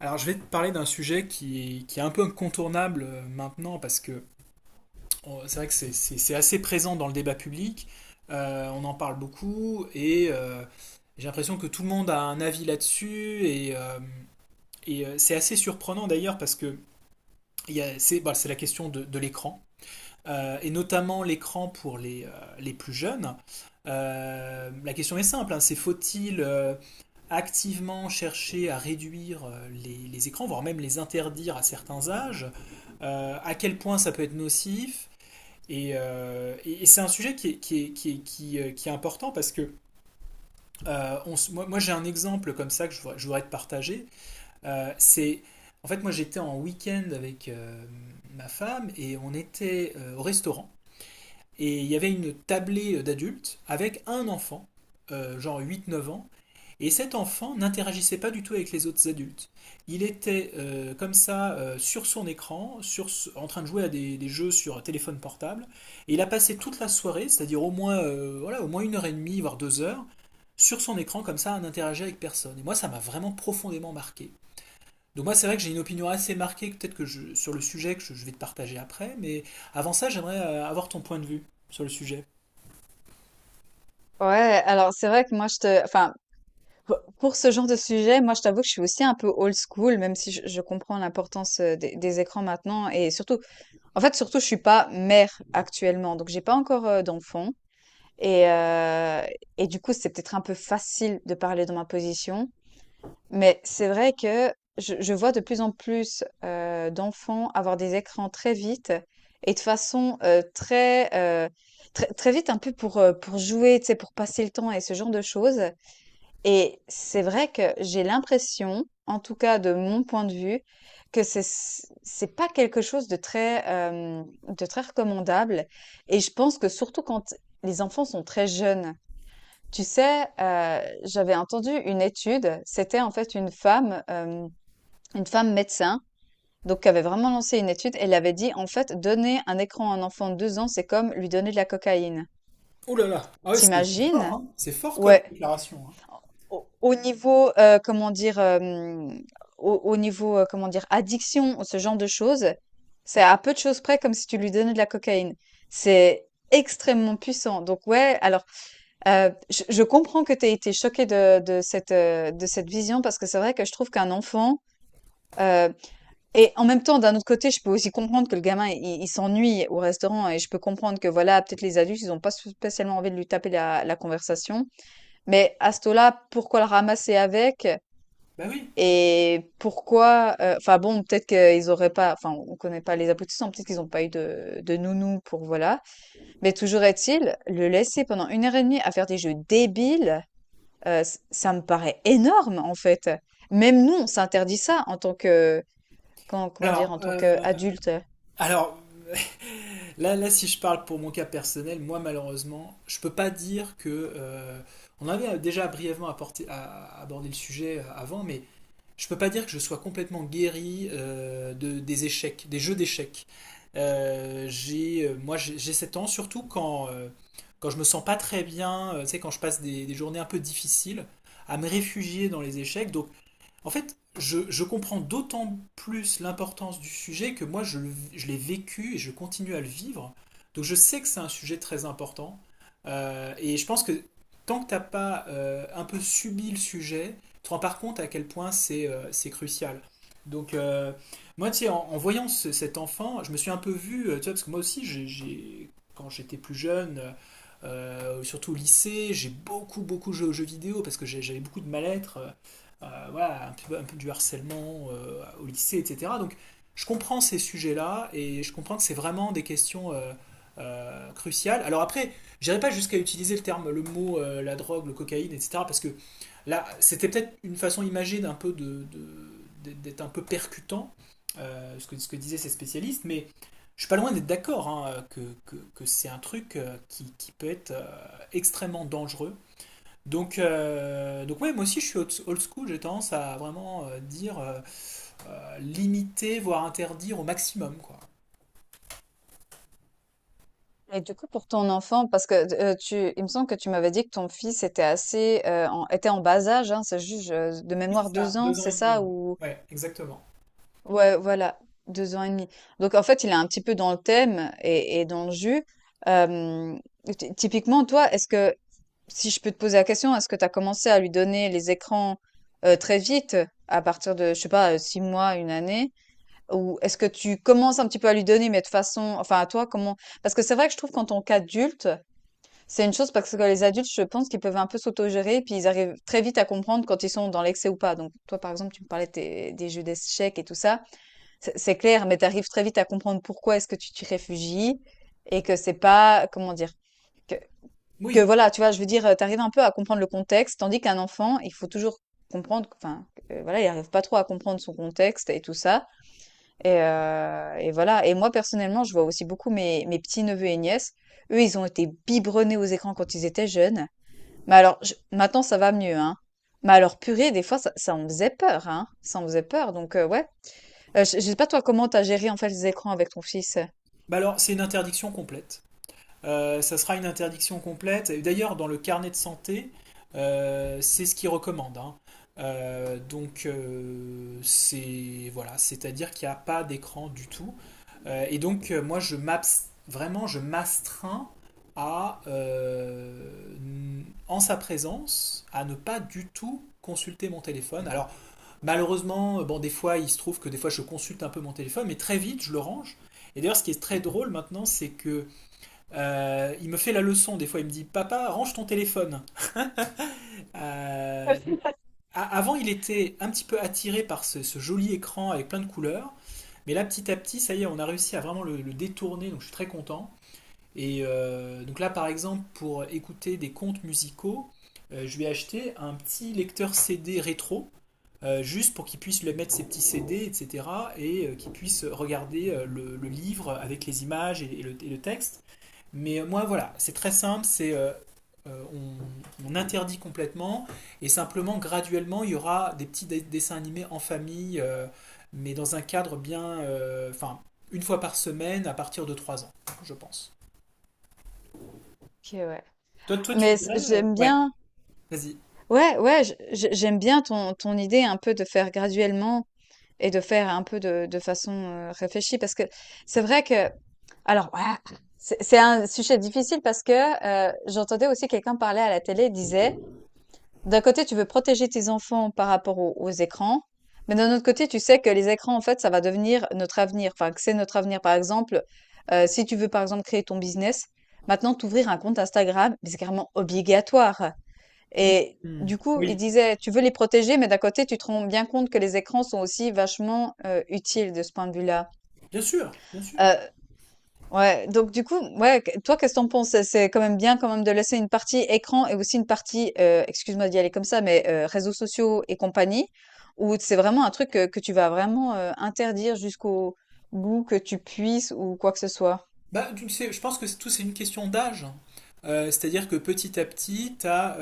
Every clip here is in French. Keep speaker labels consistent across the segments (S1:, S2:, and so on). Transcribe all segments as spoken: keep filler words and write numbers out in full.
S1: Alors, je vais te parler d'un sujet qui, qui est un peu incontournable euh, maintenant parce que on- c'est vrai que c'est c'est- c'est assez présent dans le débat public. Euh, on en parle beaucoup et euh, j'ai l'impression que tout le monde a un avis là-dessus et, euh, et, euh, c'est assez surprenant d'ailleurs parce que il y a- c'est bah, c'est la question de, de l'écran euh, et notamment l'écran pour les, euh, les plus jeunes. Euh, la question est simple, hein, c'est faut-il euh, activement chercher à réduire euh, les, les écrans, voire même les interdire à certains âges, euh, à quel point ça peut être nocif. Et, euh, et- et c'est un sujet qui est, qui est- qui est- qui, euh, qui est important parce que euh, on moi, moi, j'ai un exemple comme ça que je voudrais, je voudrais te partager. Euh, c'est En fait, moi j'étais en week-end avec euh, ma femme et on était euh, au restaurant, et il y avait une tablée euh, d'adultes avec un enfant, euh, genre huit neuf ans, et cet enfant n'interagissait pas du tout avec les autres adultes. Il était euh, comme ça euh, sur son écran, sur, en train de jouer à des, des jeux sur téléphone portable, et il a passé toute la soirée, c'est-à-dire au moins, euh, voilà, au moins une heure et demie, voire deux heures, sur son écran comme ça à n'interagir avec personne. Et moi, ça m'a vraiment profondément marqué. Donc moi, c'est vrai que j'ai une opinion assez marquée, peut-être que je, sur le sujet que je, je vais te partager après, mais avant ça, j'aimerais euh, avoir ton point de vue sur le sujet.
S2: Ouais, alors c'est vrai que moi je te, enfin, pour pour ce genre de sujet, moi je t'avoue que je suis aussi un peu old school, même si je, je comprends l'importance euh, des, des écrans maintenant et surtout, en fait surtout je suis pas mère actuellement, donc j'ai pas encore euh, d'enfant et euh, et du coup c'est peut-être un peu facile de parler dans ma position, mais c'est vrai que je, je vois de plus en plus euh, d'enfants avoir des écrans très vite et de façon euh, très euh, très, très vite, un peu pour, euh, pour jouer, tu sais, pour passer le temps et ce genre de choses. Et c'est vrai que j'ai l'impression, en tout cas de mon point de vue, que c'est c'est pas quelque chose de très, hem, de très recommandable et je pense que surtout quand les enfants sont très jeunes. Tu sais, heu, j'avais entendu une étude, c'était en fait une femme, hem, une femme médecin, donc qui avait vraiment lancé une étude. Elle avait dit, en fait: «Donner un écran à un enfant de deux ans, c'est comme lui donner de la cocaïne».
S1: Oh là là. Ah ouais, c'est c'est fort,
S2: T'imagines.
S1: hein. C'est fort comme
S2: Ouais.
S1: déclaration, hein.
S2: Au au niveau, heu, comment dire, hem, au au niveau, heu, comment dire, addiction, ce genre de choses, c'est à peu de choses près comme si tu lui donnais de la cocaïne. C'est extrêmement puissant. Donc ouais, alors, heu, je je comprends que tu aies été choquée de de cette, heu, de cette vision parce que c'est vrai que je trouve qu'un enfant, heu et en même temps, d'un autre côté, je peux aussi comprendre que le gamin, il il s'ennuie au restaurant et je peux comprendre que voilà, peut-être les adultes, ils ont pas spécialement envie de lui taper la la conversation. Mais à ce taux-là, pourquoi le ramasser avec?
S1: Bah oui.
S2: Et pourquoi, heu, enfin bon, peut-être qu'ils auraient pas enfin, on connaît pas les aboutissants, peut-être qu'ils n'ont pas eu de de nounou pour voilà. Mais toujours est-il, le laisser pendant une heure et demie à faire des jeux débiles, heu, ç ça me paraît énorme, en fait. Même nous, on s'interdit ça en tant que comment comment dire?
S1: Alors,
S2: En tant
S1: euh,
S2: qu'adulte.
S1: alors là, là, si je parle pour mon cas personnel, moi, malheureusement, je peux pas dire que. Euh, on avait déjà brièvement apporté- à- abordé le sujet euh, avant, mais je peux pas dire que je sois complètement guéri euh, de, des échecs, des jeux d'échecs. Euh, j'ai, euh, moi, j'ai j'ai 7 ans, surtout quand, euh, quand je me sens pas très bien, euh, tu sais, quand je passe des, des journées un peu difficiles, à me réfugier dans les échecs. Donc, en fait, je, je comprends d'autant plus l'importance du sujet que moi, je, le- je l'ai vécu et je continue à le vivre. Donc, je sais que c'est un sujet très important. Euh, et je pense que tant que t'as pas euh, un peu subi le sujet, tu te rends pas compte à quel point c'est euh, c'est crucial. Donc, euh, moi, tu sais, en, en voyant ce- cet enfant, je me suis un peu vu, euh, tu vois, parce que moi aussi, j'ai, j'ai- quand j'étais plus jeune, euh, surtout au lycée, j'ai beaucoup, beaucoup joué aux jeux vidéo parce que j'ai- j'avais beaucoup de mal-être. Euh, euh, voilà, un peu, un peu du harcèlement euh, au lycée, et cetera. Donc je comprends ces sujets-là et je comprends que c'est vraiment des questions euh, euh, cruciales. Alors après, j'irai pas jusqu'à utiliser le terme, le mot, euh, la drogue, le cocaïne, et cetera. Parce que là, c'était peut-être une façon imagée d'un peu de, de- d'être un peu percutant, euh, ce que, ce que disaient ces spécialistes, mais je suis pas loin d'être d'accord, hein, que, que, que c'est un truc euh, qui, qui peut être euh, extrêmement dangereux. Donc, euh, donc ouais, moi aussi je suis old school, j'ai tendance à vraiment euh, dire euh, euh, limiter, voire interdire au maximum, quoi.
S2: Et du coup, pour ton enfant, parce que d tu il me semble que tu m'avais dit que ton fils était assez, heu, en était en bas âge, hein? C'est juste, je de
S1: Oui, c'est
S2: mémoire deux
S1: ça,
S2: ans,
S1: deux ans
S2: c'est
S1: et demi.
S2: ça? Ou
S1: Ouais, exactement.
S2: ouais, voilà, deux ans et demi. Donc en fait, il est un petit peu dans le thème et, et dans le jus. Euh, ty- typiquement, toi, est-ce que, si je peux te poser la question, est-ce que tu as commencé à lui donner les écrans euh, très vite, à partir de, je sais pas, euh, six mois, une année, ou est-ce que tu commences un petit peu à lui donner, mais de façon, enfin à toi, comment? Parce que c'est vrai que je trouve qu'en tant qu'adulte, c'est une chose parce que les adultes, je pense qu'ils peuvent un peu s'autogérer, puis ils arrivent très vite à comprendre quand ils sont dans l'excès ou pas. Donc toi, par exemple, tu me parlais de tes- des jeux d'échecs et tout ça. C'est c'est clair, mais tu arrives très vite à comprendre pourquoi est-ce que tu t'y réfugies et que c'est pas, comment dire, que, que
S1: Oui,
S2: voilà, tu vois, je veux dire, tu arrives un peu à comprendre le contexte, tandis qu'un enfant, il faut toujours comprendre, enfin, euh, voilà, il arrive pas trop à comprendre son contexte et tout ça. Et, euh, et voilà. Et moi, personnellement, je vois aussi beaucoup mes, mes petits-neveux et nièces. Eux, ils ont été biberonnés aux écrans quand ils étaient jeunes. Mais alors, je- maintenant, ça va mieux, hein. Mais alors, purée, des fois, ça, ça en faisait peur, hein. Ça en faisait peur. Donc, euh, ouais. Heu, je je sais pas toi comment t'as géré en fait les écrans avec ton fils?
S1: bah alors c'est une interdiction complète. Euh, ça sera une interdiction complète. Et d'ailleurs, dans le carnet de santé, euh, c'est ce qu'ils recommandent, hein. Euh, donc, euh, c'est voilà, c'est-à-dire qu'il n'y a pas d'écran du tout. Euh, et donc, euh, moi, je m'abs- vraiment, je m'astreins à, euh, n- en sa présence, à ne pas du tout consulter mon téléphone. Alors, malheureusement, euh, bon, des fois, il se trouve que des fois, je consulte un peu mon téléphone, mais très vite, je le range. Et d'ailleurs, ce qui est très drôle maintenant, c'est que euh, il me fait la leçon, des fois il me dit : « Papa, range ton téléphone. » Euh, donc, a- Avant il était un petit peu attiré par ce, ce joli écran avec plein de couleurs, mais là petit à petit, ça y est, on a réussi à vraiment le, le détourner, donc je suis très content. Et euh, donc là par exemple, pour écouter des contes musicaux, euh, je lui ai acheté un petit lecteur C D rétro, euh, juste pour qu'il puisse lui mettre ses petits C D, et cetera et cetera, et euh, qu'il puisse regarder euh, le, le livre avec les images et, et le et le texte. Mais euh, moi, voilà, c'est très simple, c'est euh, euh, on, on interdit complètement et simplement graduellement il y aura des petits dé- dessins animés en famille, euh, mais dans un cadre bien, euh, enfin une fois par semaine à partir de trois ans, je pense.
S2: OK, ouais.
S1: Toi, toi, tu
S2: Mais c
S1: irais, euh,
S2: j'aime
S1: ouais,
S2: bien
S1: vas-y.
S2: ouais, ouais, je je j'aime bien ton ton idée un peu de faire graduellement et de faire un peu de de façon, heu, réfléchie parce que c'est vrai que alors ah, c'est c'est un sujet difficile parce que, heu, j'entendais aussi quelqu'un parler à la télé, il disait: «D'un côté, tu veux protéger tes enfants par rapport aux aux écrans, mais d'un autre côté, tu sais que les écrans, en fait, ça va devenir notre avenir, enfin, que c'est notre avenir». Par exemple, heu, si tu veux, par exemple, créer ton business, maintenant, t'ouvrir un compte Instagram, mais c'est carrément obligatoire. Et
S1: Hmm.
S2: du coup, il
S1: Oui,
S2: disait, tu veux les protéger, mais d'un côté, tu te rends bien compte que les écrans sont aussi vachement euh, utiles de ce point de vue-là.
S1: bien sûr, bien sûr.
S2: Euh, ouais, donc du coup, ouais, que- toi, qu'est-ce que t'en penses? C'est c'est quand même bien quand même de laisser une partie écran et aussi une partie, euh, excuse-moi d'y aller comme ça, mais euh, réseaux sociaux et compagnie, où c'est vraiment un truc que, que tu vas vraiment euh, interdire jusqu'au bout que tu puisses ou quoi que ce soit.
S1: Bah, tu le sais, je pense que c'est- tout c'est une question d'âge. Euh, c'est-à-dire que petit à petit, tu as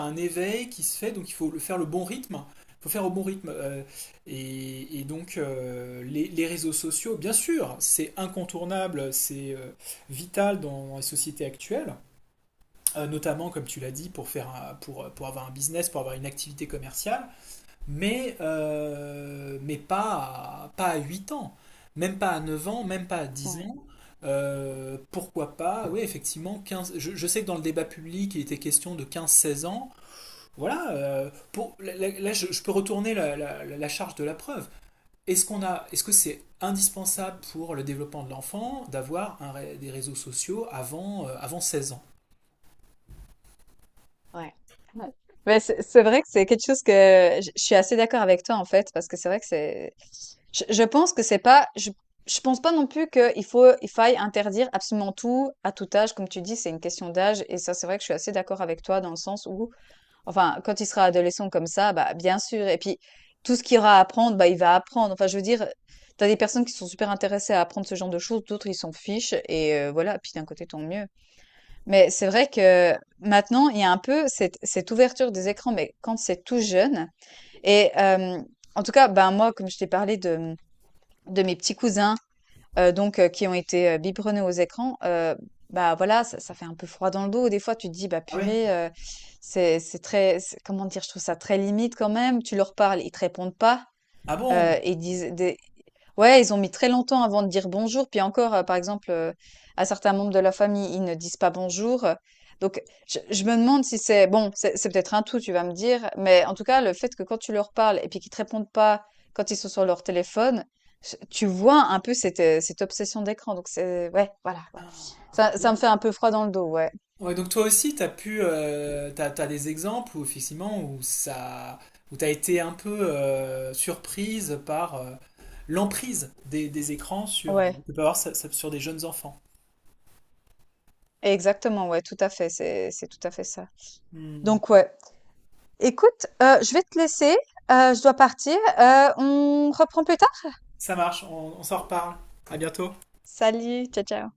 S1: un éveil qui se fait, donc il faut le faire le bon rythme. Il faut faire au bon rythme. euh, et, et donc, euh, les, les réseaux sociaux, bien sûr, c'est incontournable, c'est euh, vital dans, dans les sociétés actuelles, euh, notamment, comme tu l'as dit, pour faire un- pour, pour avoir un business, pour avoir une activité commerciale, mais, euh, mais pas, à, pas à huit ans, même pas à neuf ans, même pas à dix
S2: Ouais.
S1: ans. Euh, pourquoi pas, oui, effectivement, quinze. je, je sais que dans le débat public, il était question de quinze, seize ans. Voilà, euh, pour, là, là, je, je peux retourner la, la- la charge de la preuve. Est-ce qu'on a, est-ce que c'est indispensable pour le développement de l'enfant d'avoir un ré- des réseaux sociaux avant, euh, avant seize ans?
S2: Ouais. Ouais. Mais c'est c'est vrai que c'est quelque chose que je je suis assez d'accord avec toi en fait parce que c'est vrai que c'est je, je pense que c'est pas je je pense pas non plus qu'il faut il faille interdire absolument tout à tout âge comme tu dis c'est une question d'âge et ça c'est vrai que je suis assez d'accord avec toi dans le sens où enfin quand il sera adolescent comme ça bah bien sûr et puis tout ce qu'il aura à apprendre bah il va apprendre enfin je veux dire t'as des personnes qui sont super intéressées à apprendre ce genre de choses d'autres ils s'en fichent et euh, voilà puis d'un côté tant mieux mais c'est vrai que maintenant, il y a un peu cette, cette ouverture des écrans, mais quand c'est tout jeune. Et euh, en tout cas, ben moi, comme je t'ai parlé de, de mes petits cousins, euh, donc euh, qui ont été euh, biberonnés aux écrans, euh, bah voilà, ça, ça fait un peu froid dans le dos. Des fois, tu te dis, bah
S1: Ah ouais?
S2: purée, euh, c'est c'est très, c'est- comment dire, je trouve ça très limite quand même. Tu leur parles, ils te répondent pas.
S1: Ah
S2: Heu,
S1: bon?
S2: et ils disent des ouais, ils ont mis très longtemps avant de dire bonjour. Puis encore, heu, par exemple, heu, à certains membres de la famille, ils ne disent pas bonjour, heu, donc je je me demande si c'est bon, c'est c'est peut-être un tout, tu vas me dire, mais en tout cas, le fait que quand tu leur parles et puis qu'ils te répondent pas quand ils sont sur leur téléphone, ch tu vois un peu cette, heu, cette obsession d'écran, donc c'est ouais, voilà, ouais. Ça ça me fait un peu froid dans le dos, ouais.
S1: Ouais, donc toi aussi, t'as pu, euh, t'as, t'as des exemples où effectivement où ça, où t'as été un peu euh, surprise par euh, l'emprise des, des écrans sur,
S2: Ouais,
S1: que peut avoir ça- ça- sur des jeunes enfants.
S2: exactement, ouais, tout à fait, c'est c'est tout à fait ça,
S1: Hmm.
S2: donc ouais. Écoute, heu, je vais te laisser, heu, je dois partir, heu, on reprend plus tard?
S1: Ça marche, on, on s'en reparle. À bientôt.
S2: Salut, ciao, ciao.